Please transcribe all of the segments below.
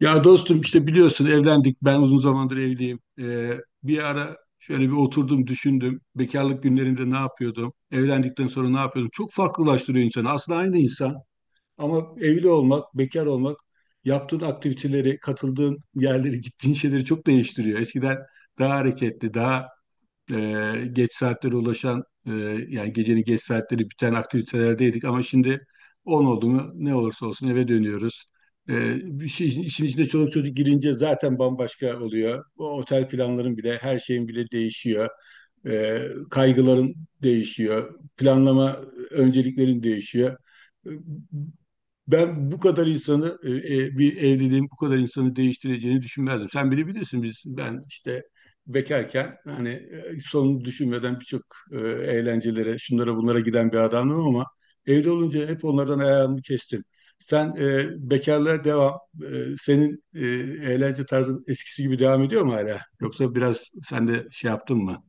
Ya dostum işte biliyorsun evlendik. Ben uzun zamandır evliyim. Bir ara şöyle bir oturdum düşündüm. Bekarlık günlerinde ne yapıyordum? Evlendikten sonra ne yapıyordum? Çok farklılaştırıyor insanı. Aslında aynı insan ama evli olmak, bekar olmak, yaptığın aktiviteleri, katıldığın yerleri, gittiğin şeyleri çok değiştiriyor. Eskiden daha hareketli, daha geç saatlere ulaşan, yani gecenin geç saatleri biten aktivitelerdeydik ama şimdi 10 oldu mu ne olursa olsun eve dönüyoruz. E, Bir şey, işin içine çoluk çocuk girince zaten bambaşka oluyor. O otel planların bile, her şeyin bile değişiyor. E, Kaygıların değişiyor. Planlama önceliklerin değişiyor. E, Ben bu kadar insanı, bir evliliğin bu kadar insanı değiştireceğini düşünmezdim. Sen bilebilirsin, ben işte bekarken, hani, sonunu düşünmeden birçok eğlencelere, şunlara bunlara giden bir adamım ama evli olunca hep onlardan ayağımı kestim. Sen, bekarlığa devam. Senin, eğlence tarzın eskisi gibi devam ediyor mu hala? Yoksa biraz sen de şey yaptın mı?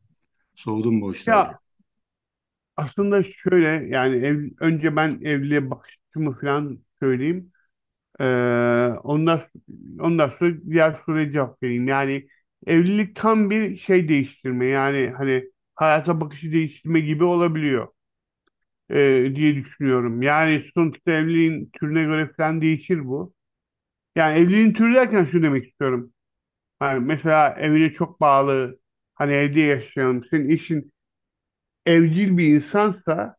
Soğudun mu o işlerde? Ya aslında şöyle yani önce ben evliliğe bakış açımı falan söyleyeyim. Ee, ondan, ondan sonra diğer soruya cevap vereyim. Yani evlilik tam bir şey değiştirme yani hani hayata bakışı değiştirme gibi olabiliyor diye düşünüyorum. Yani sonuçta evliliğin türüne göre falan değişir bu. Yani evliliğin türü derken şu demek istiyorum. Yani mesela evine çok bağlı hani evde yaşayan senin eşin evcil bir insansa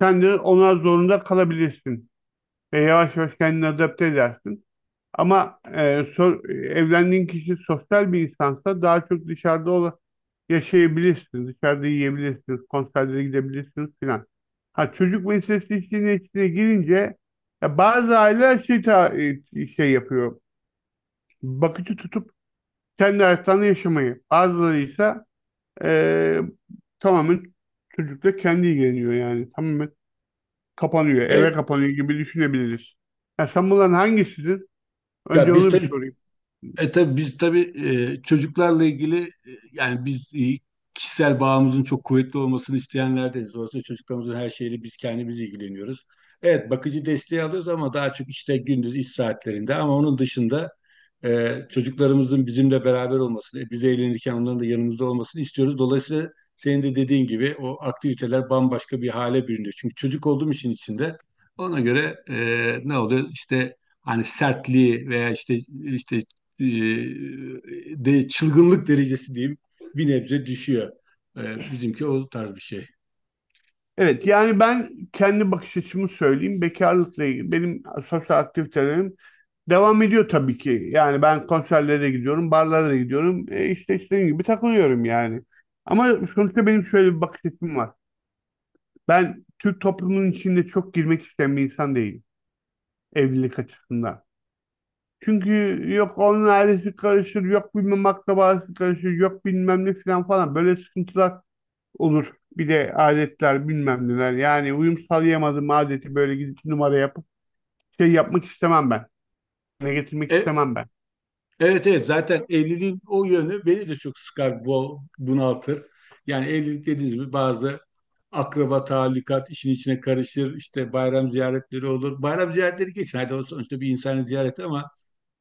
sen de ona zorunda kalabilirsin ve yavaş yavaş kendini adapte edersin. Ama evlendiğin kişi sosyal bir insansa daha çok dışarıda yaşayabilirsin, dışarıda yiyebilirsiniz, konserlere gidebilirsiniz filan. Ha çocuk meselesi işin içine girince ya bazı aileler şey yapıyor, bakıcı tutup kendi hayatlarını yaşamayı. Bazıları ise e, tamamen çocukla kendi ilgileniyor yani. Tamamen kapanıyor, eve Evet. kapanıyor gibi düşünebiliriz. Ya sen bunların hangisisin? Ya Önce biz onu bir tabii sorayım. E tabii biz tabii çocuklarla ilgili, yani biz, kişisel bağımızın çok kuvvetli olmasını isteyenlerdeniz. Dolayısıyla çocuklarımızın her şeyiyle biz kendimiz ilgileniyoruz. Evet, bakıcı desteği alıyoruz ama daha çok işte gündüz iş saatlerinde, ama onun dışında çocuklarımızın bizimle beraber olmasını, biz eğlenirken onların da yanımızda olmasını istiyoruz. Dolayısıyla senin de dediğin gibi o aktiviteler bambaşka bir hale bürünüyor. Çünkü çocuk olduğum işin içinde ona göre, ne oluyor? İşte hani sertliği veya işte e, de çılgınlık derecesi diyeyim, bir nebze düşüyor. Bizimki o tarz bir şey. Evet, yani ben kendi bakış açımı söyleyeyim. Bekarlıkla ilgili benim sosyal aktivitelerim devam ediyor tabii ki. Yani ben konserlere gidiyorum, barlara da gidiyorum. E işte istediğim gibi takılıyorum yani. Ama sonuçta benim şöyle bir bakış açım var. Ben Türk toplumunun içinde çok girmek isteyen bir insan değilim evlilik açısından. Çünkü yok onun ailesi karışır, yok bilmem akrabası karışır, yok bilmem ne filan falan. Böyle sıkıntılar olur. Bir de adetler bilmem neler. Yani uyum sağlayamadım adeti böyle gidip numara yapıp şey yapmak istemem ben. Ne getirmek E, istemem ben. evet, evet, zaten evliliğin o yönü beni de çok sıkar, bunaltır. Yani evlilik, dediğiniz gibi bazı akraba talikat işin içine karışır. İşte bayram ziyaretleri olur. Bayram ziyaretleri geçsin. Hadi o sonuçta bir insanı ziyaret ama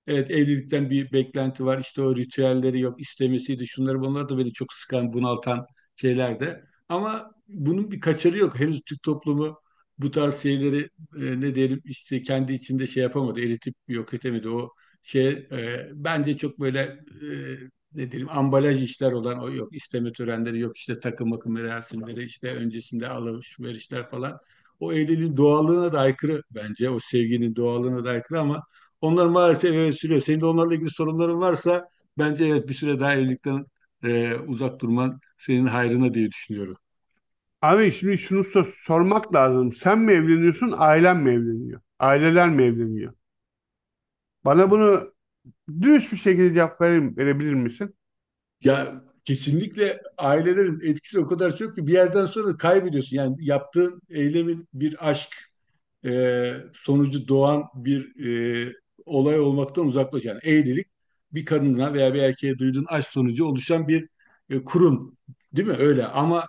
evet, evlilikten bir beklenti var. İşte o ritüelleri yok istemesiydi. Şunları bunlar da beni çok sıkan, bunaltan şeyler de. Ama bunun bir kaçarı yok. Henüz Türk toplumu bu tarz şeyleri ne diyelim işte kendi içinde şey yapamadı. Eritip yok etemedi. O şey, bence çok böyle, e, ne diyelim, ambalaj işler olan o yok isteme törenleri, yok işte takım makım merasimleri, işte öncesinde alışverişler falan. O evliliğin doğallığına da aykırı bence. O sevginin doğallığına da aykırı ama onlar maalesef, evet, sürüyor. Senin de onlarla ilgili sorunların varsa bence, evet, bir süre daha evlilikten uzak durman senin hayrına diye düşünüyorum. Abi şimdi şunu sormak lazım. Sen mi evleniyorsun, ailen mi evleniyor? Aileler mi evleniyor? Bana bunu dürüst bir şekilde cevap verebilir misin? Ya kesinlikle ailelerin etkisi o kadar çok ki bir yerden sonra kaybediyorsun. Yani yaptığın eylemin bir aşk e, sonucu doğan bir e, olay olmaktan uzaklaş. Yani evlilik bir kadına veya bir erkeğe duyduğun aşk sonucu oluşan bir kurum, değil mi? Öyle, ama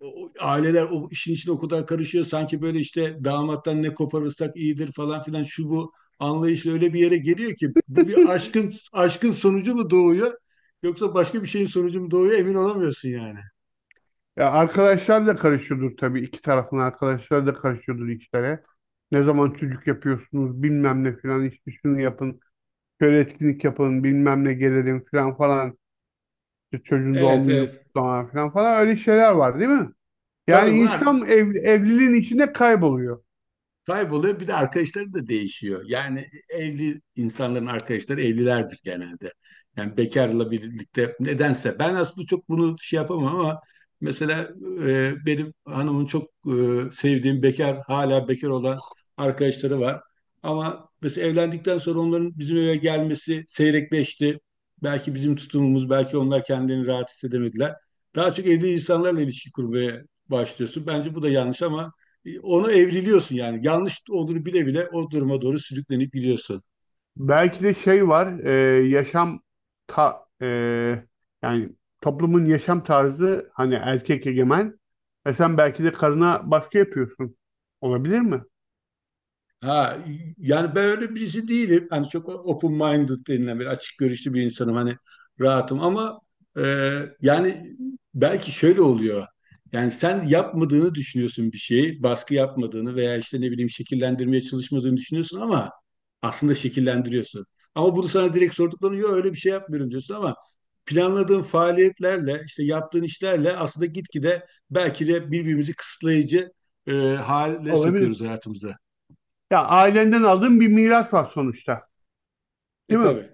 aileler o işin içine o kadar karışıyor, sanki böyle işte damattan ne koparırsak iyidir falan filan şu bu anlayış öyle bir yere geliyor ki, bu bir aşkın sonucu mu doğuyor, yoksa başka bir şeyin sonucu mu doğuyor, emin olamıyorsun yani. Ya arkadaşlar da karışıyordur tabii. İki tarafın arkadaşları da karışıyordur işlere. Ne zaman çocuk yapıyorsunuz bilmem ne filan işte şunu yapın. Şöyle etkinlik yapın bilmem ne gelelim filan falan. İşte çocuğun doğum Evet, günü evet. kutlama filan falan öyle şeyler var, değil mi? Yani Tabii var. insan evliliğin içinde kayboluyor. Kayboluyor. Bir de arkadaşları da değişiyor. Yani evli insanların arkadaşları evlilerdir genelde. Yani bekarla birlikte nedense. Ben aslında çok bunu şey yapamam ama mesela benim hanımın çok, sevdiğim bekar, hala bekar olan arkadaşları var. Ama mesela evlendikten sonra onların bizim eve gelmesi seyrekleşti. Belki bizim tutumumuz, belki onlar kendilerini rahat hissedemediler. Daha çok evli insanlarla ilişki kurmaya başlıyorsun. Bence bu da yanlış ama onu evriliyorsun yani. Yanlış olduğunu bile bile o duruma doğru sürüklenip gidiyorsun. Belki de şey var, yaşam ta, e, yani toplumun yaşam tarzı hani erkek egemen. E sen belki de karına baskı yapıyorsun. Olabilir mi? Ha, yani ben öyle birisi değilim. Hani çok open-minded denilen, bir açık görüşlü bir insanım. Hani rahatım ama, e, yani belki şöyle oluyor. Yani sen yapmadığını düşünüyorsun bir şeyi, baskı yapmadığını veya işte ne bileyim şekillendirmeye çalışmadığını düşünüyorsun ama aslında şekillendiriyorsun. Ama bunu sana direkt sorduklarını yok, öyle bir şey yapmıyorum diyorsun ama planladığın faaliyetlerle, işte yaptığın işlerle aslında gitgide belki de birbirimizi kısıtlayıcı hale sokuyoruz Olabilir. hayatımıza. Ya ailenden aldığın bir miras var sonuçta, değil mi? Tabii.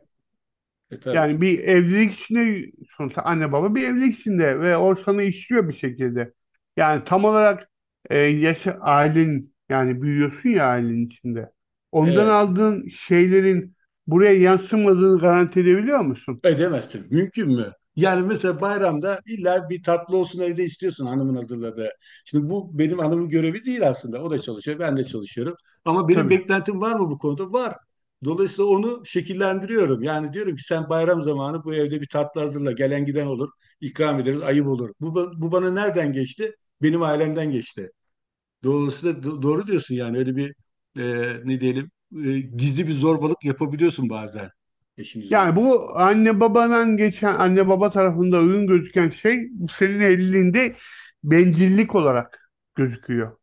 Tabii. Yani bir evlilik içinde sonuçta anne baba bir evlilik içinde ve o sana işliyor bir şekilde. Yani tam olarak ailen yani büyüyorsun ya ailenin içinde. Ondan Evet. aldığın şeylerin buraya yansımadığını garanti edebiliyor musun? Edemezsin. Mümkün mü? Yani mesela bayramda illa bir tatlı olsun evde istiyorsun, hanımın hazırladığı. Şimdi bu benim hanımın görevi değil aslında. O da çalışıyor, ben de çalışıyorum. Ama benim Tabii. beklentim var mı bu konuda? Var. Dolayısıyla onu şekillendiriyorum. Yani diyorum ki sen bayram zamanı bu evde bir tatlı hazırla. Gelen giden olur. İkram ederiz. Ayıp olur. Bu bana nereden geçti? Benim ailemden geçti. Dolayısıyla doğru diyorsun yani, öyle bir, e, ne diyelim, gizli bir zorbalık yapabiliyorsun bazen eşin Yani üzerinde. bu anne babadan geçen, anne baba tarafında uygun gözüken şey senin evliliğinde bencillik olarak gözüküyor.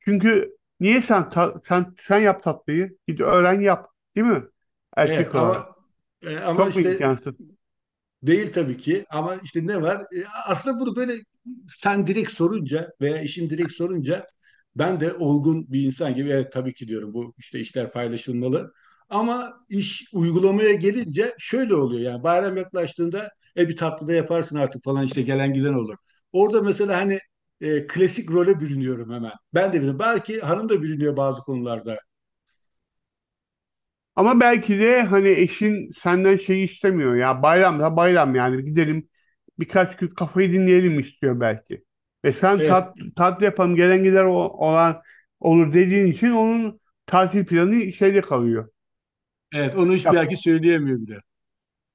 Çünkü niye sen sen yap tatlıyı? Git öğren yap, değil mi? Evet Erkek olarak. ama, ama Çok mu işte, imkansız? değil tabii ki ama işte ne var? Aslında bunu böyle sen direkt sorunca veya işin direkt sorunca ben de olgun bir insan gibi evet tabii ki diyorum, bu işte işler paylaşılmalı. Ama iş uygulamaya gelince şöyle oluyor yani, bayram yaklaştığında bir tatlı da yaparsın artık falan, işte gelen giden olur. Orada mesela, hani, klasik role bürünüyorum hemen. Ben de biliyorum. Belki hanım da bürünüyor bazı konularda. Ama belki de hani eşin senden şey istemiyor, ya bayram da bayram yani gidelim birkaç gün kafayı dinleyelim istiyor belki. Ve sen Evet, tat yapalım, gelen gider olan olur dediğin için onun tatil planı şeyde kalıyor. evet, onu hiç Ya belki söyleyemiyor bile.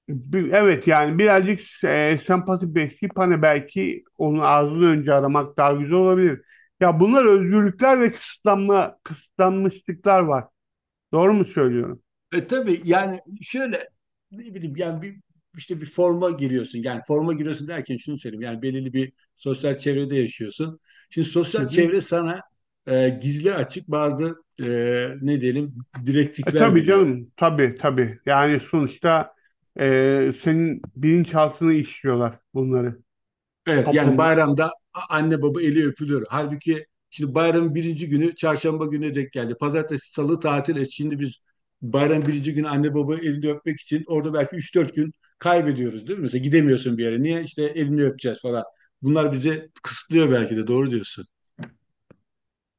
Evet, yani birazcık sempati besleyip hani belki onun ağzını önce aramak daha güzel olabilir. Ya bunlar özgürlükler ve kısıtlanmışlıklar var. Doğru mu söylüyorum? Tabii yani, şöyle, ne bileyim yani, bir, işte bir forma giriyorsun. Yani forma giriyorsun derken şunu söyleyeyim. Yani belirli bir sosyal çevrede yaşıyorsun. Şimdi Hı sosyal hı. çevre sana gizli açık bazı, e, ne diyelim, E, direktifler tabii veriyor. canım, tabii, tabii. Yani sonuçta senin bilinçaltını işliyorlar bunları. Evet yani Toplum. bayramda anne baba eli öpülür. Halbuki şimdi bayramın birinci günü çarşamba gününe denk geldi. Pazartesi, salı tatil. Şimdi biz bayramın birinci günü anne baba elini öpmek için orada belki 3-4 gün kaybediyoruz, değil mi? Mesela gidemiyorsun bir yere. Niye? İşte elini öpeceğiz falan. Bunlar bizi kısıtlıyor, belki de doğru diyorsun.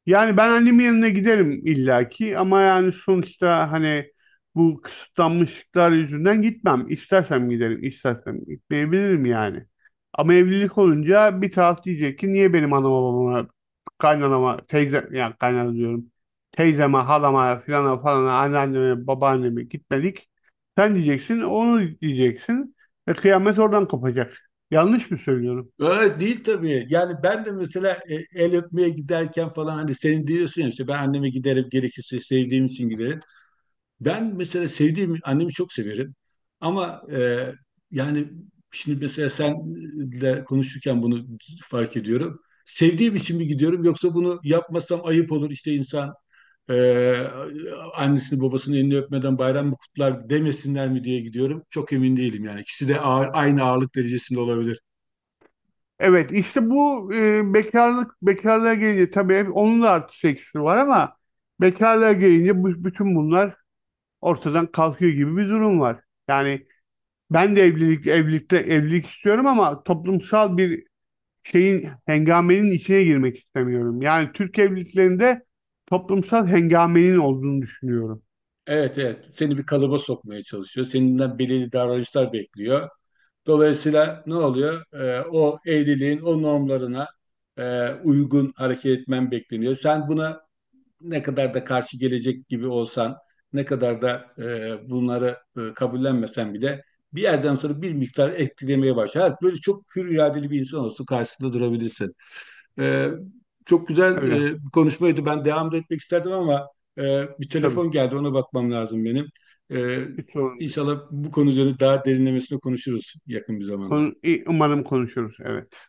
Yani ben annemin yanına giderim illaki ama yani sonuçta hani bu kısıtlanmışlıklar yüzünden gitmem. İstersem giderim, istersem gitmeyebilirim yani. Ama evlilik olunca bir taraf diyecek ki niye benim anama babama, kaynanama, yani kaynana diyorum, teyzeme, halama, filana falana, anneanneme, babaanneme gitmedik. Sen diyeceksin, onu diyeceksin ve kıyamet oradan kopacak. Yanlış mı söylüyorum? Öyle değil tabii. Yani ben de mesela el öpmeye giderken falan, hani senin diyorsun ya işte ben anneme giderim gerekirse, sevdiğim için giderim. Ben mesela sevdiğim annemi çok severim ama, yani şimdi mesela senle konuşurken bunu fark ediyorum. Sevdiğim için mi gidiyorum, yoksa bunu yapmasam ayıp olur işte, insan e, annesini babasını elini öpmeden bayram mı kutlar, demesinler mi diye gidiyorum. Çok emin değilim yani, ikisi de aynı ağırlık derecesinde olabilir. Evet, işte bu bekarlığa gelince tabii hep onun da artı eksisi var ama bekarlığa gelince bütün bunlar ortadan kalkıyor gibi bir durum var. Yani ben de evlilikte evlilik istiyorum ama toplumsal bir hengamenin içine girmek istemiyorum. Yani Türk evliliklerinde toplumsal hengamenin olduğunu düşünüyorum. Evet, evet, seni bir kalıba sokmaya çalışıyor. Seninden belirli davranışlar bekliyor. Dolayısıyla ne oluyor? O evliliğin o normlarına uygun hareket etmen bekleniyor. Sen buna ne kadar da karşı gelecek gibi olsan, ne kadar da bunları kabullenmesen bile, bir yerden sonra bir miktar etkilemeye başlar. Evet, böyle çok hür iradeli bir insan olsun, karşısında durabilirsin. Ee, Çok güzel, Öyle bir konuşmaydı. Ben devam da etmek isterdim ama bir tabii. telefon geldi. Ona bakmam lazım benim. Ee, Hiç sorun değil. İnşallah bu konu üzerine daha derinlemesine konuşuruz yakın bir zamanda. Konu, umarım konuşuruz. Evet.